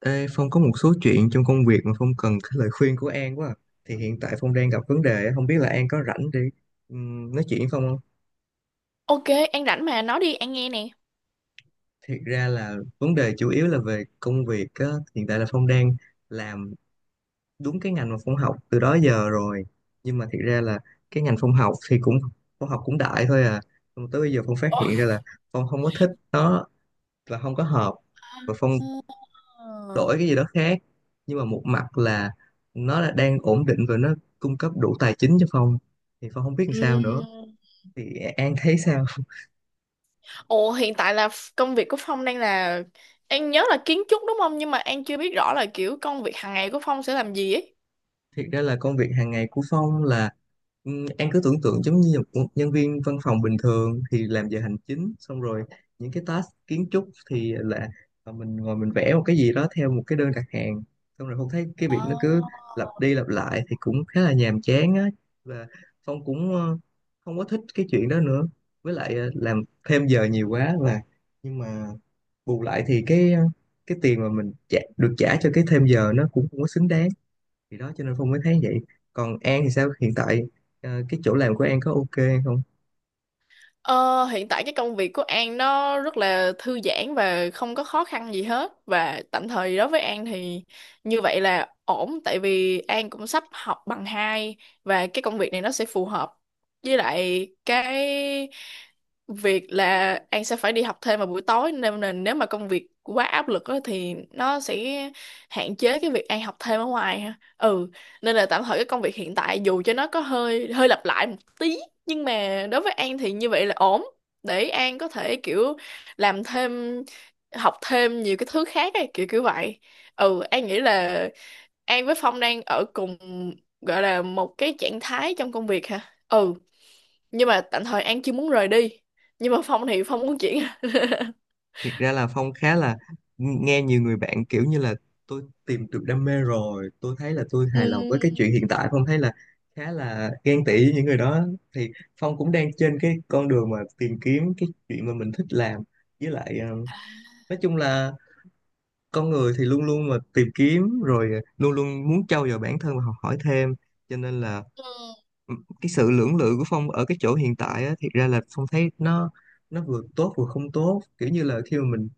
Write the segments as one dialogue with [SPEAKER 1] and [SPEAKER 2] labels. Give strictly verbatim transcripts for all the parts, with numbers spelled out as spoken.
[SPEAKER 1] Ê, Phong có một số chuyện trong công việc mà Phong cần cái lời khuyên của An quá à. Thì hiện tại Phong đang gặp vấn đề á, không biết là An có rảnh để ừm, nói chuyện với Phong không?
[SPEAKER 2] Ok, An rảnh mà, nói đi, An nghe nè.
[SPEAKER 1] Thiệt ra là vấn đề chủ yếu là về công việc á. Hiện tại là Phong đang làm đúng cái ngành mà Phong học từ đó giờ rồi. Nhưng mà thiệt ra là cái ngành Phong học thì cũng Phong học cũng đại thôi à. Nhưng mà tới bây giờ Phong phát
[SPEAKER 2] Ồ.
[SPEAKER 1] hiện ra là Phong không có thích nó và không có hợp. Và Phong
[SPEAKER 2] Ờ.
[SPEAKER 1] đổi cái gì đó khác, nhưng mà một mặt là nó là đang ổn định và nó cung cấp đủ tài chính cho Phong, thì Phong không biết làm sao nữa, thì An thấy sao?
[SPEAKER 2] Ồ, hiện tại là f- công việc của Phong đang là... An nhớ là kiến trúc đúng không? Nhưng mà An chưa biết rõ là kiểu công việc hàng ngày của Phong sẽ làm gì ấy.
[SPEAKER 1] Thiệt ra là công việc hàng ngày của Phong là ừ, An cứ tưởng tượng giống như một nhân viên văn phòng bình thường thì làm giờ hành chính, xong rồi những cái task kiến trúc thì là ờ, mình ngồi mình vẽ một cái gì đó theo một cái đơn đặt hàng, xong rồi Phong thấy cái việc nó cứ
[SPEAKER 2] À.
[SPEAKER 1] lặp đi lặp lại thì cũng khá là nhàm chán á. Và Phong cũng ờ, không có thích cái chuyện đó nữa, với lại ờ, làm thêm giờ nhiều quá. Và nhưng mà bù lại thì cái ờ, cái tiền mà mình trả, được trả cho cái thêm giờ nó cũng không có xứng đáng, thì đó, cho nên Phong mới thấy vậy. Còn An thì sao, hiện tại ờ, cái chỗ làm của An có ok không?
[SPEAKER 2] Ờ, hiện tại cái công việc của An nó rất là thư giãn và không có khó khăn gì hết, và tạm thời đối với An thì như vậy là ổn, tại vì An cũng sắp học bằng hai và cái công việc này nó sẽ phù hợp với lại cái việc là An sẽ phải đi học thêm vào buổi tối, nên là nếu mà công việc quá áp lực á, thì nó sẽ hạn chế cái việc An học thêm ở ngoài ha. Ừ, nên là tạm thời cái công việc hiện tại dù cho nó có hơi hơi lặp lại một tí, nhưng mà đối với An thì như vậy là ổn để An có thể kiểu làm thêm, học thêm nhiều cái thứ khác ấy, kiểu kiểu vậy. Ừ, An nghĩ là An với Phong đang ở cùng gọi là một cái trạng thái trong công việc hả. Ừ, nhưng mà tạm thời An chưa muốn rời đi, nhưng mà Phong thì Phong muốn chuyển.
[SPEAKER 1] Thiệt ra là Phong khá là nghe nhiều người bạn kiểu như là tôi tìm được đam mê rồi, tôi thấy là tôi hài lòng với cái
[SPEAKER 2] Ừm.
[SPEAKER 1] chuyện hiện tại. Phong thấy là khá là ghen tị với những người đó. Thì Phong cũng đang trên cái con đường mà tìm kiếm cái chuyện mà mình thích làm. Với lại ờ, nói chung là con người thì luôn luôn mà tìm kiếm, rồi ờ, luôn luôn muốn trau dồi bản thân và học hỏi thêm. Cho nên là
[SPEAKER 2] Ừ.
[SPEAKER 1] cái sự lưỡng lự của Phong ở cái chỗ hiện tại á, thiệt ra là Phong thấy nó nó vừa tốt vừa không tốt, kiểu như là khi mà mình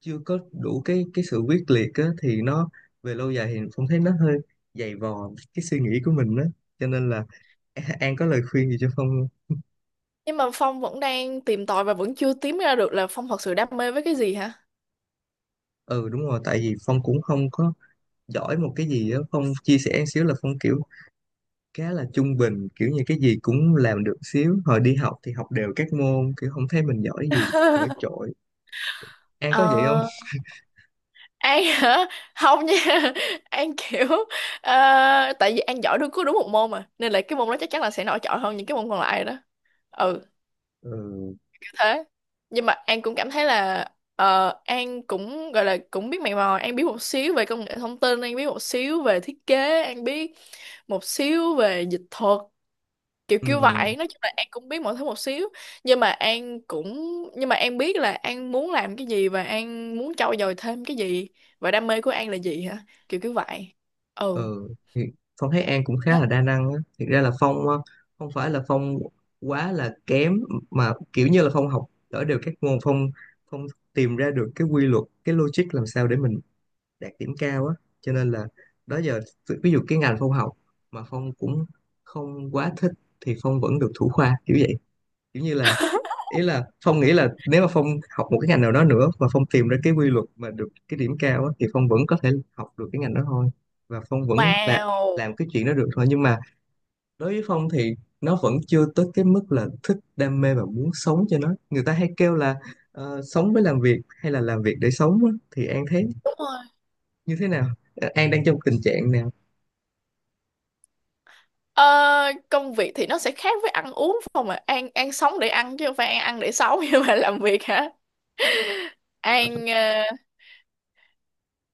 [SPEAKER 1] chưa có đủ cái cái sự quyết liệt á, thì nó về lâu dài thì Phong thấy nó hơi dày vò cái suy nghĩ của mình á. Cho nên là A- An có lời khuyên gì cho Phong không?
[SPEAKER 2] Nhưng mà Phong vẫn đang tìm tòi và vẫn chưa tìm ra được là Phong thật sự đam mê với cái gì hả.
[SPEAKER 1] Ừ, đúng rồi, tại vì Phong cũng không có giỏi một cái gì á. Phong chia sẻ một xíu là Phong kiểu khá là trung bình, kiểu như cái gì cũng làm được xíu, hồi đi học thì học đều các môn, kiểu không thấy mình giỏi gì nổi trội. An có vậy không?
[SPEAKER 2] Ờ. An hả? Không nha. An kiểu ờ, tại vì An giỏi đúng cứ đúng một môn mà, nên là cái môn đó chắc chắn là sẽ nổi trội hơn những cái môn còn lại đó. Ừ,
[SPEAKER 1] Ừ.
[SPEAKER 2] kiểu thế. Nhưng mà An cũng cảm thấy là ờ, An cũng gọi là cũng biết mày mò, An biết một xíu về công nghệ thông tin, An biết một xíu về thiết kế, An biết một xíu về dịch thuật, kiểu kiểu
[SPEAKER 1] Ừ.
[SPEAKER 2] vậy. Nói chung là An cũng biết mọi thứ một xíu, nhưng mà An cũng nhưng mà An biết là An muốn làm cái gì và An muốn trau dồi thêm cái gì, và đam mê của An là gì hả, kiểu kiểu vậy. Ừ.
[SPEAKER 1] Ừ. Thì Phong thấy An cũng
[SPEAKER 2] Đó.
[SPEAKER 1] khá là đa năng á. Thực ra là Phong ờ, không phải là Phong quá là kém, mà kiểu như là Phong học ở đều các môn. Phong Phong tìm ra được cái quy luật, cái logic làm sao để mình đạt điểm cao á. Cho nên là đó giờ, ví ví dụ cái ngành Phong học mà Phong cũng không quá thích thì Phong vẫn được thủ khoa kiểu vậy. Kiểu như là ý là Phong nghĩ là nếu mà Phong học một cái ngành nào đó nữa và Phong tìm ra cái quy luật mà được cái điểm cao á, thì Phong vẫn có thể học được cái ngành đó thôi, và Phong vẫn là
[SPEAKER 2] Wow.
[SPEAKER 1] làm cái chuyện đó được thôi. Nhưng mà đối với Phong thì nó vẫn chưa tới cái mức là thích, đam mê và muốn sống cho nó. Người ta hay kêu là ờ, sống với làm việc hay là làm việc để sống á, thì An thấy
[SPEAKER 2] Đúng rồi.
[SPEAKER 1] như thế nào, An đang trong tình trạng nào?
[SPEAKER 2] Ờ, công việc thì nó sẽ khác với ăn uống phải không, mà An An sống để ăn chứ không phải An ăn để sống. Nhưng mà làm việc hả, An ờ,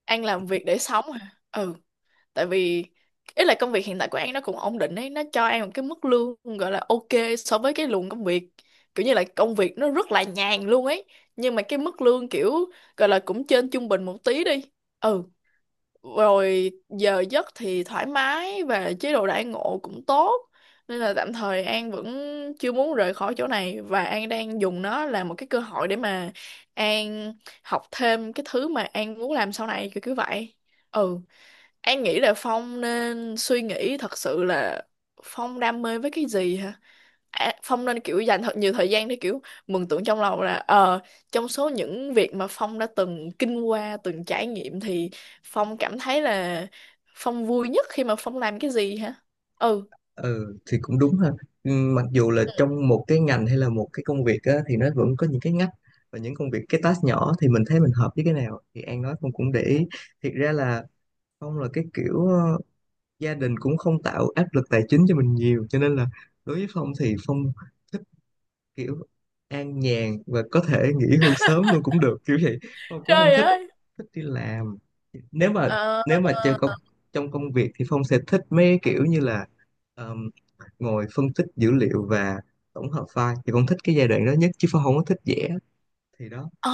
[SPEAKER 2] An làm việc để sống hả. Ừ, tại vì ý là công việc hiện tại của An nó cũng ổn định ấy, nó cho An một cái mức lương gọi là ok so với cái luồng công việc, kiểu như là công việc nó rất là nhàn luôn ấy, nhưng mà cái mức lương kiểu gọi là cũng trên trung bình một tí đi. Ừ, rồi giờ giấc thì thoải mái và chế độ đãi ngộ cũng tốt, nên là tạm thời An vẫn chưa muốn rời khỏi chỗ này, và An đang dùng nó là một cái cơ hội để mà An học thêm cái thứ mà An muốn làm sau này, kiểu như vậy. Ừ, An nghĩ là Phong nên suy nghĩ thật sự là Phong đam mê với cái gì hả? À, Phong nên kiểu dành thật nhiều thời gian để kiểu mường tượng trong lòng là ờ, trong số những việc mà Phong đã từng kinh qua, từng trải nghiệm thì Phong cảm thấy là Phong vui nhất khi mà Phong làm cái gì hả? Ừ.
[SPEAKER 1] Ừ thì cũng đúng ha. Ừm, mặc dù là trong một cái ngành hay là một cái công việc á, thì nó vẫn có những cái ngách và những công việc, cái task nhỏ thì mình thấy mình hợp với cái nào, thì An nói Phong cũng để ý. Thiệt ra là Phong là cái kiểu ờ, gia đình cũng không tạo áp lực tài chính cho mình nhiều, cho nên là đối với Phong thì Phong kiểu an nhàn và có thể nghỉ hưu sớm luôn cũng được kiểu vậy. Phong cũng không
[SPEAKER 2] Trời
[SPEAKER 1] thích
[SPEAKER 2] ơi.
[SPEAKER 1] thích đi làm. nếu mà
[SPEAKER 2] Ờ.
[SPEAKER 1] Nếu mà trong công trong công việc thì Phong sẽ thích mấy kiểu như là um, ngồi phân tích dữ liệu và tổng hợp file, thì Phong thích cái giai đoạn đó nhất, chứ Phong không có thích vẽ, thì đó.
[SPEAKER 2] Ồ,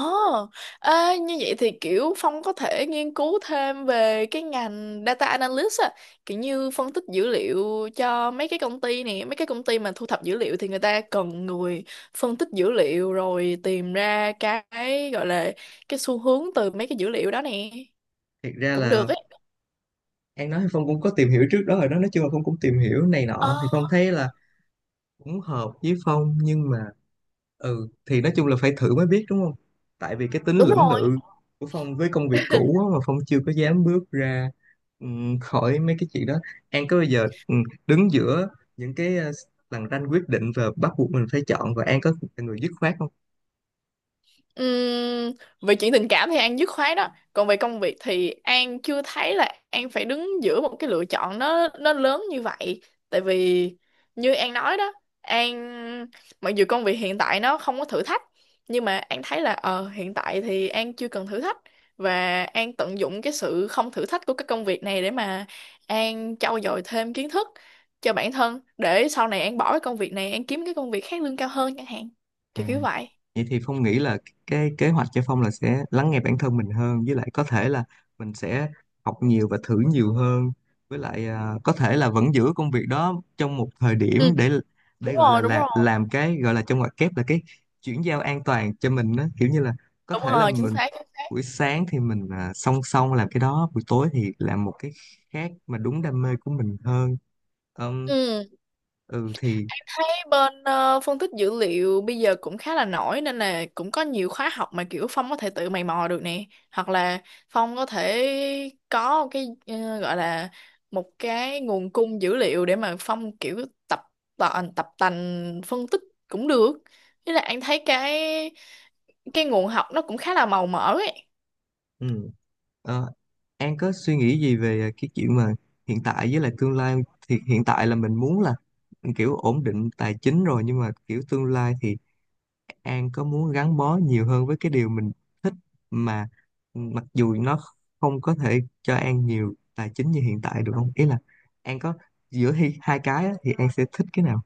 [SPEAKER 2] ê, như vậy thì kiểu Phong có thể nghiên cứu thêm về cái ngành data analyst á, kiểu như phân tích dữ liệu cho mấy cái công ty này, mấy cái công ty mà thu thập dữ liệu thì người ta cần người phân tích dữ liệu rồi tìm ra cái gọi là cái xu hướng từ mấy cái dữ liệu đó nè,
[SPEAKER 1] Thiệt ra
[SPEAKER 2] cũng
[SPEAKER 1] là
[SPEAKER 2] được ấy.
[SPEAKER 1] An nói thì Phong cũng có tìm hiểu trước đó rồi đó, nói chung là Phong cũng tìm hiểu này
[SPEAKER 2] Ờ,
[SPEAKER 1] nọ, thì Phong thấy là cũng hợp với Phong. Nhưng mà ừ thì nói chung là phải thử mới biết đúng không. Tại vì cái tính
[SPEAKER 2] đúng
[SPEAKER 1] lưỡng
[SPEAKER 2] rồi.
[SPEAKER 1] lự của Phong với công việc cũ á, mà Phong chưa có dám bước ra ừm, khỏi mấy cái chuyện đó. An có bao giờ ừm, đứng giữa những cái ờ, lằn ranh quyết định và bắt buộc mình phải chọn, và An có là người dứt khoát
[SPEAKER 2] Ừm, về chuyện tình cảm thì An dứt khoát đó, còn về công việc thì An chưa thấy là An phải đứng giữa một cái lựa chọn nó nó lớn như vậy, tại vì như An nói đó, An mặc dù công việc hiện tại nó không có thử thách, nhưng mà An thấy là ờ hiện tại thì An chưa cần thử thách, và An tận dụng cái sự không thử thách của cái công việc này để mà An trau dồi thêm kiến thức cho bản thân, để sau này An bỏ cái công việc này An kiếm cái công việc khác lương cao hơn chẳng hạn, kiểu
[SPEAKER 1] không?
[SPEAKER 2] kiểu vậy.
[SPEAKER 1] Vậy thì Phong nghĩ là cái kế hoạch cho Phong là sẽ lắng nghe bản thân mình hơn, với lại có thể là mình sẽ học nhiều và thử nhiều hơn. Với lại à, có thể là vẫn giữ công việc đó trong một thời điểm
[SPEAKER 2] Ừ.
[SPEAKER 1] để
[SPEAKER 2] Đúng
[SPEAKER 1] để gọi là,
[SPEAKER 2] rồi, đúng
[SPEAKER 1] là
[SPEAKER 2] rồi.
[SPEAKER 1] làm cái gọi là trong ngoặc kép là cái chuyển giao an toàn cho mình đó, kiểu như là có
[SPEAKER 2] Đúng
[SPEAKER 1] thể là
[SPEAKER 2] rồi, chính
[SPEAKER 1] mình
[SPEAKER 2] xác, chính xác.
[SPEAKER 1] buổi sáng thì mình à, song song làm cái đó, buổi tối thì làm một cái khác mà đúng đam mê của mình hơn. Ừm,
[SPEAKER 2] Ừ,
[SPEAKER 1] ừ thì
[SPEAKER 2] thấy bên ờ, phân tích dữ liệu bây giờ cũng khá là nổi, nên là cũng có nhiều khóa học mà kiểu Phong có thể tự mày mò được nè. Hoặc là Phong có thể có cái ờ, gọi là một cái nguồn cung dữ liệu để mà Phong kiểu tập tành tập tành phân tích cũng được. Thế là anh thấy cái cái nguồn học nó cũng khá là màu mỡ ấy.
[SPEAKER 1] ừ. An có suy nghĩ gì về à, cái chuyện mà hiện tại với lại tương lai, thì hiện tại là mình muốn là kiểu ổn định tài chính rồi, nhưng mà kiểu tương lai thì An có muốn gắn bó nhiều hơn với cái điều mình thích, mà mặc dù nó không có thể cho An nhiều tài chính như hiện tại, được không? Ý là An có, giữa hi- hai cái á, thì An sẽ thích cái nào?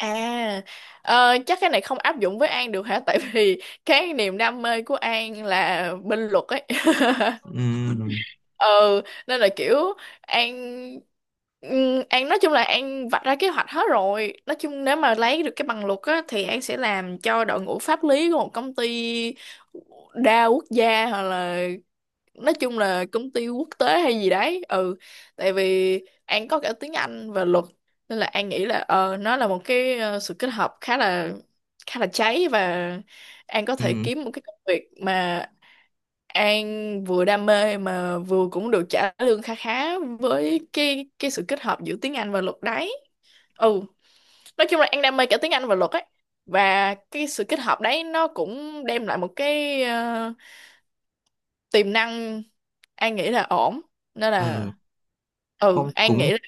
[SPEAKER 2] À, ờ, chắc cái này không áp dụng với An được hả? Tại vì cái niềm đam mê của An là bên luật ấy.
[SPEAKER 1] Ừm.
[SPEAKER 2] Ừ, nên là kiểu An ừm, An nói chung là An vạch ra kế hoạch hết rồi. Nói chung nếu mà lấy được cái bằng luật á thì An sẽ làm cho đội ngũ pháp lý của một công ty đa quốc gia hoặc là nói chung là công ty quốc tế hay gì đấy. Ừ, tại vì An có cả tiếng Anh và luật, nên là An nghĩ là ờ nó là một cái ờ, sự kết hợp khá là khá là cháy, và An có thể
[SPEAKER 1] Ừm.
[SPEAKER 2] kiếm một cái công việc mà An vừa đam mê mà vừa cũng được trả lương khá khá với cái cái sự kết hợp giữa tiếng Anh và luật đấy. Ừ, nói chung là An đam mê cả tiếng Anh và luật ấy, và cái sự kết hợp đấy nó cũng đem lại một cái ờ, tiềm năng. An nghĩ là ổn, nên
[SPEAKER 1] ờ,
[SPEAKER 2] là ừ
[SPEAKER 1] Phong
[SPEAKER 2] An
[SPEAKER 1] cũng
[SPEAKER 2] nghĩ là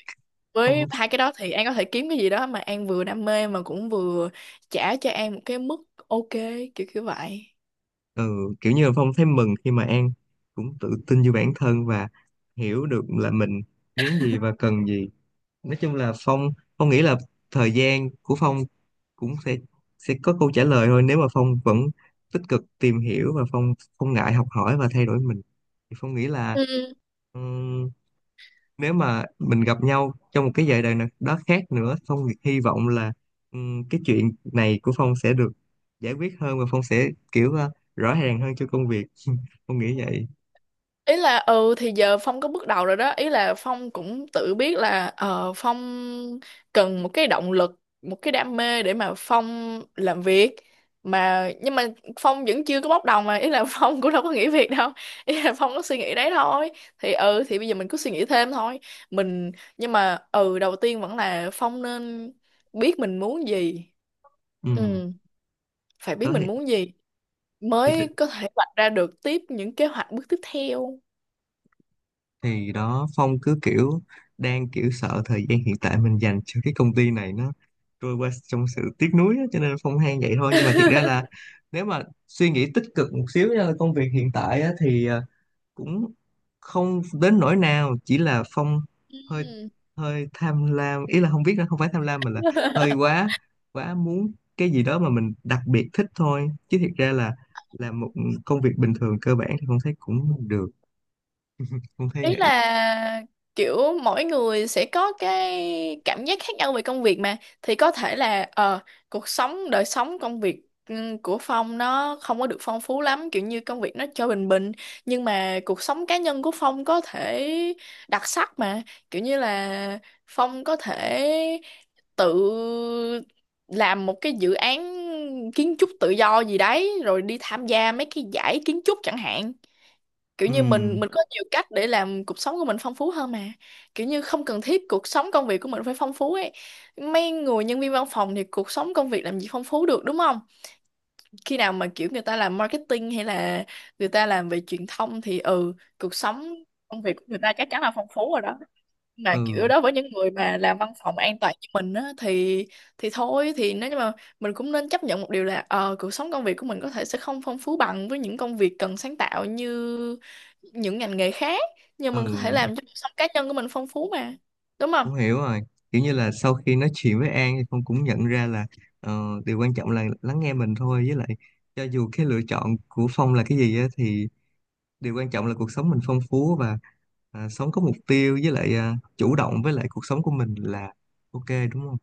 [SPEAKER 2] với
[SPEAKER 1] Phong
[SPEAKER 2] hai cái đó thì An có thể kiếm cái gì đó mà An vừa đam mê mà cũng vừa trả cho An một cái mức ok, kiểu kiểu vậy.
[SPEAKER 1] ừ, kiểu như là Phong thấy mừng khi mà An cũng tự tin vô bản thân và hiểu được là mình muốn gì và cần gì. Nói chung là Phong Phong nghĩ là thời gian của Phong cũng sẽ sẽ có câu trả lời thôi, nếu mà Phong vẫn tích cực tìm hiểu và Phong không ngại học hỏi và thay đổi mình. Thì Phong nghĩ là
[SPEAKER 2] Ừ.
[SPEAKER 1] nếu mà mình gặp nhau trong một cái giai đoạn nào đó khác nữa, Phong hy vọng là ừm, cái chuyện này của Phong sẽ được giải quyết hơn, và Phong sẽ kiểu ờ, rõ ràng hơn cho công việc. Phong nghĩ vậy.
[SPEAKER 2] Ý là ừ thì giờ Phong có bước đầu rồi đó, ý là Phong cũng tự biết là ờ, Phong cần một cái động lực, một cái đam mê để mà Phong làm việc mà, nhưng mà Phong vẫn chưa có bóc đầu mà, ý là Phong cũng đâu có nghỉ việc đâu, ý là Phong có suy nghĩ đấy thôi. Thì ừ thì bây giờ mình cứ suy nghĩ thêm thôi mình, nhưng mà ừ đầu tiên vẫn là Phong nên biết mình muốn gì.
[SPEAKER 1] Ừm,
[SPEAKER 2] Ừ, phải biết
[SPEAKER 1] đó thì,
[SPEAKER 2] mình muốn gì
[SPEAKER 1] thì
[SPEAKER 2] mới có thể vạch ra được tiếp những kế hoạch bước tiếp theo.
[SPEAKER 1] thì đó Phong cứ kiểu đang kiểu sợ thời gian hiện tại mình dành cho cái công ty này nó trôi qua trong sự tiếc nuối á, cho nên Phong than vậy thôi. Nhưng mà thiệt ra là nếu mà suy nghĩ tích cực một xíu nha, công việc hiện tại á, thì ờ, cũng không đến nỗi nào, chỉ là phong hơi
[SPEAKER 2] Ừ.
[SPEAKER 1] hơi tham lam. Ý là không biết là không phải tham lam mà là hơi quá quá muốn cái gì đó mà mình đặc biệt thích thôi. Chứ thiệt ra là làm một công việc bình thường cơ bản thì không thấy, cũng được, không thấy
[SPEAKER 2] Ý
[SPEAKER 1] vậy.
[SPEAKER 2] là kiểu mỗi người sẽ có cái cảm giác khác nhau về công việc mà, thì có thể là ờ cuộc sống, đời sống công việc ừ, của Phong nó không có được phong phú lắm, kiểu như công việc nó cho bình bình, nhưng mà cuộc sống cá nhân của Phong có thể đặc sắc mà, kiểu như là Phong có thể tự làm một cái dự án kiến trúc tự do gì đấy rồi đi tham gia mấy cái giải kiến trúc chẳng hạn, kiểu như
[SPEAKER 1] Ừ.
[SPEAKER 2] mình mình có nhiều cách để làm cuộc sống của mình phong phú hơn mà, kiểu như không cần thiết cuộc sống công việc của mình phải phong phú ấy. Mấy người nhân viên văn phòng thì cuộc sống công việc làm gì phong phú được đúng không, khi nào mà kiểu người ta làm marketing hay là người ta làm về truyền thông thì ừ cuộc sống công việc của người ta chắc chắn là phong phú rồi đó, mà kiểu
[SPEAKER 1] Ừ.
[SPEAKER 2] đó với những người mà làm văn phòng an toàn như mình á thì thì thôi, thì nếu như mà mình cũng nên chấp nhận một điều là ờ cuộc sống công việc của mình có thể sẽ không phong phú bằng với những công việc cần sáng tạo như những ngành nghề khác, nhưng mình có thể
[SPEAKER 1] Ừ.
[SPEAKER 2] làm cho cuộc sống cá nhân của mình phong phú mà, đúng không.
[SPEAKER 1] Không, hiểu rồi. Kiểu như là sau khi nói chuyện với An thì con cũng nhận ra là ờ, điều quan trọng là lắng nghe mình thôi. Với lại cho dù cái lựa chọn của Phong là cái gì á, thì điều quan trọng là cuộc sống mình phong phú và à, sống có mục tiêu, với lại à, chủ động với lại cuộc sống của mình là ok, đúng không?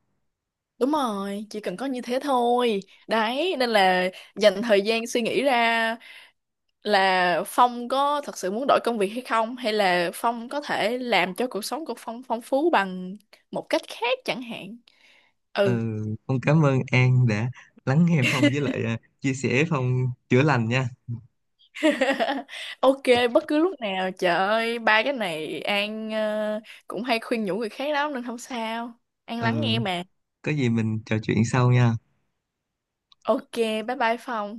[SPEAKER 2] Đúng rồi, chỉ cần có như thế thôi đấy, nên là dành thời gian suy nghĩ ra là Phong có thật sự muốn đổi công việc hay không, hay là Phong có thể làm cho cuộc sống của Phong phong phú bằng một cách khác chẳng hạn.
[SPEAKER 1] Ừ,
[SPEAKER 2] Ừ.
[SPEAKER 1] Phong cảm ơn An đã lắng nghe Phong, với lại à, chia sẻ. Phong chữa lành nha.
[SPEAKER 2] Ok, bất cứ lúc nào, trời ơi ba cái này An ờ, cũng hay khuyên nhủ người khác lắm nên không sao, An
[SPEAKER 1] Ừ,
[SPEAKER 2] lắng nghe mà.
[SPEAKER 1] có gì mình trò chuyện sau nha.
[SPEAKER 2] Ok, bye bye Phong.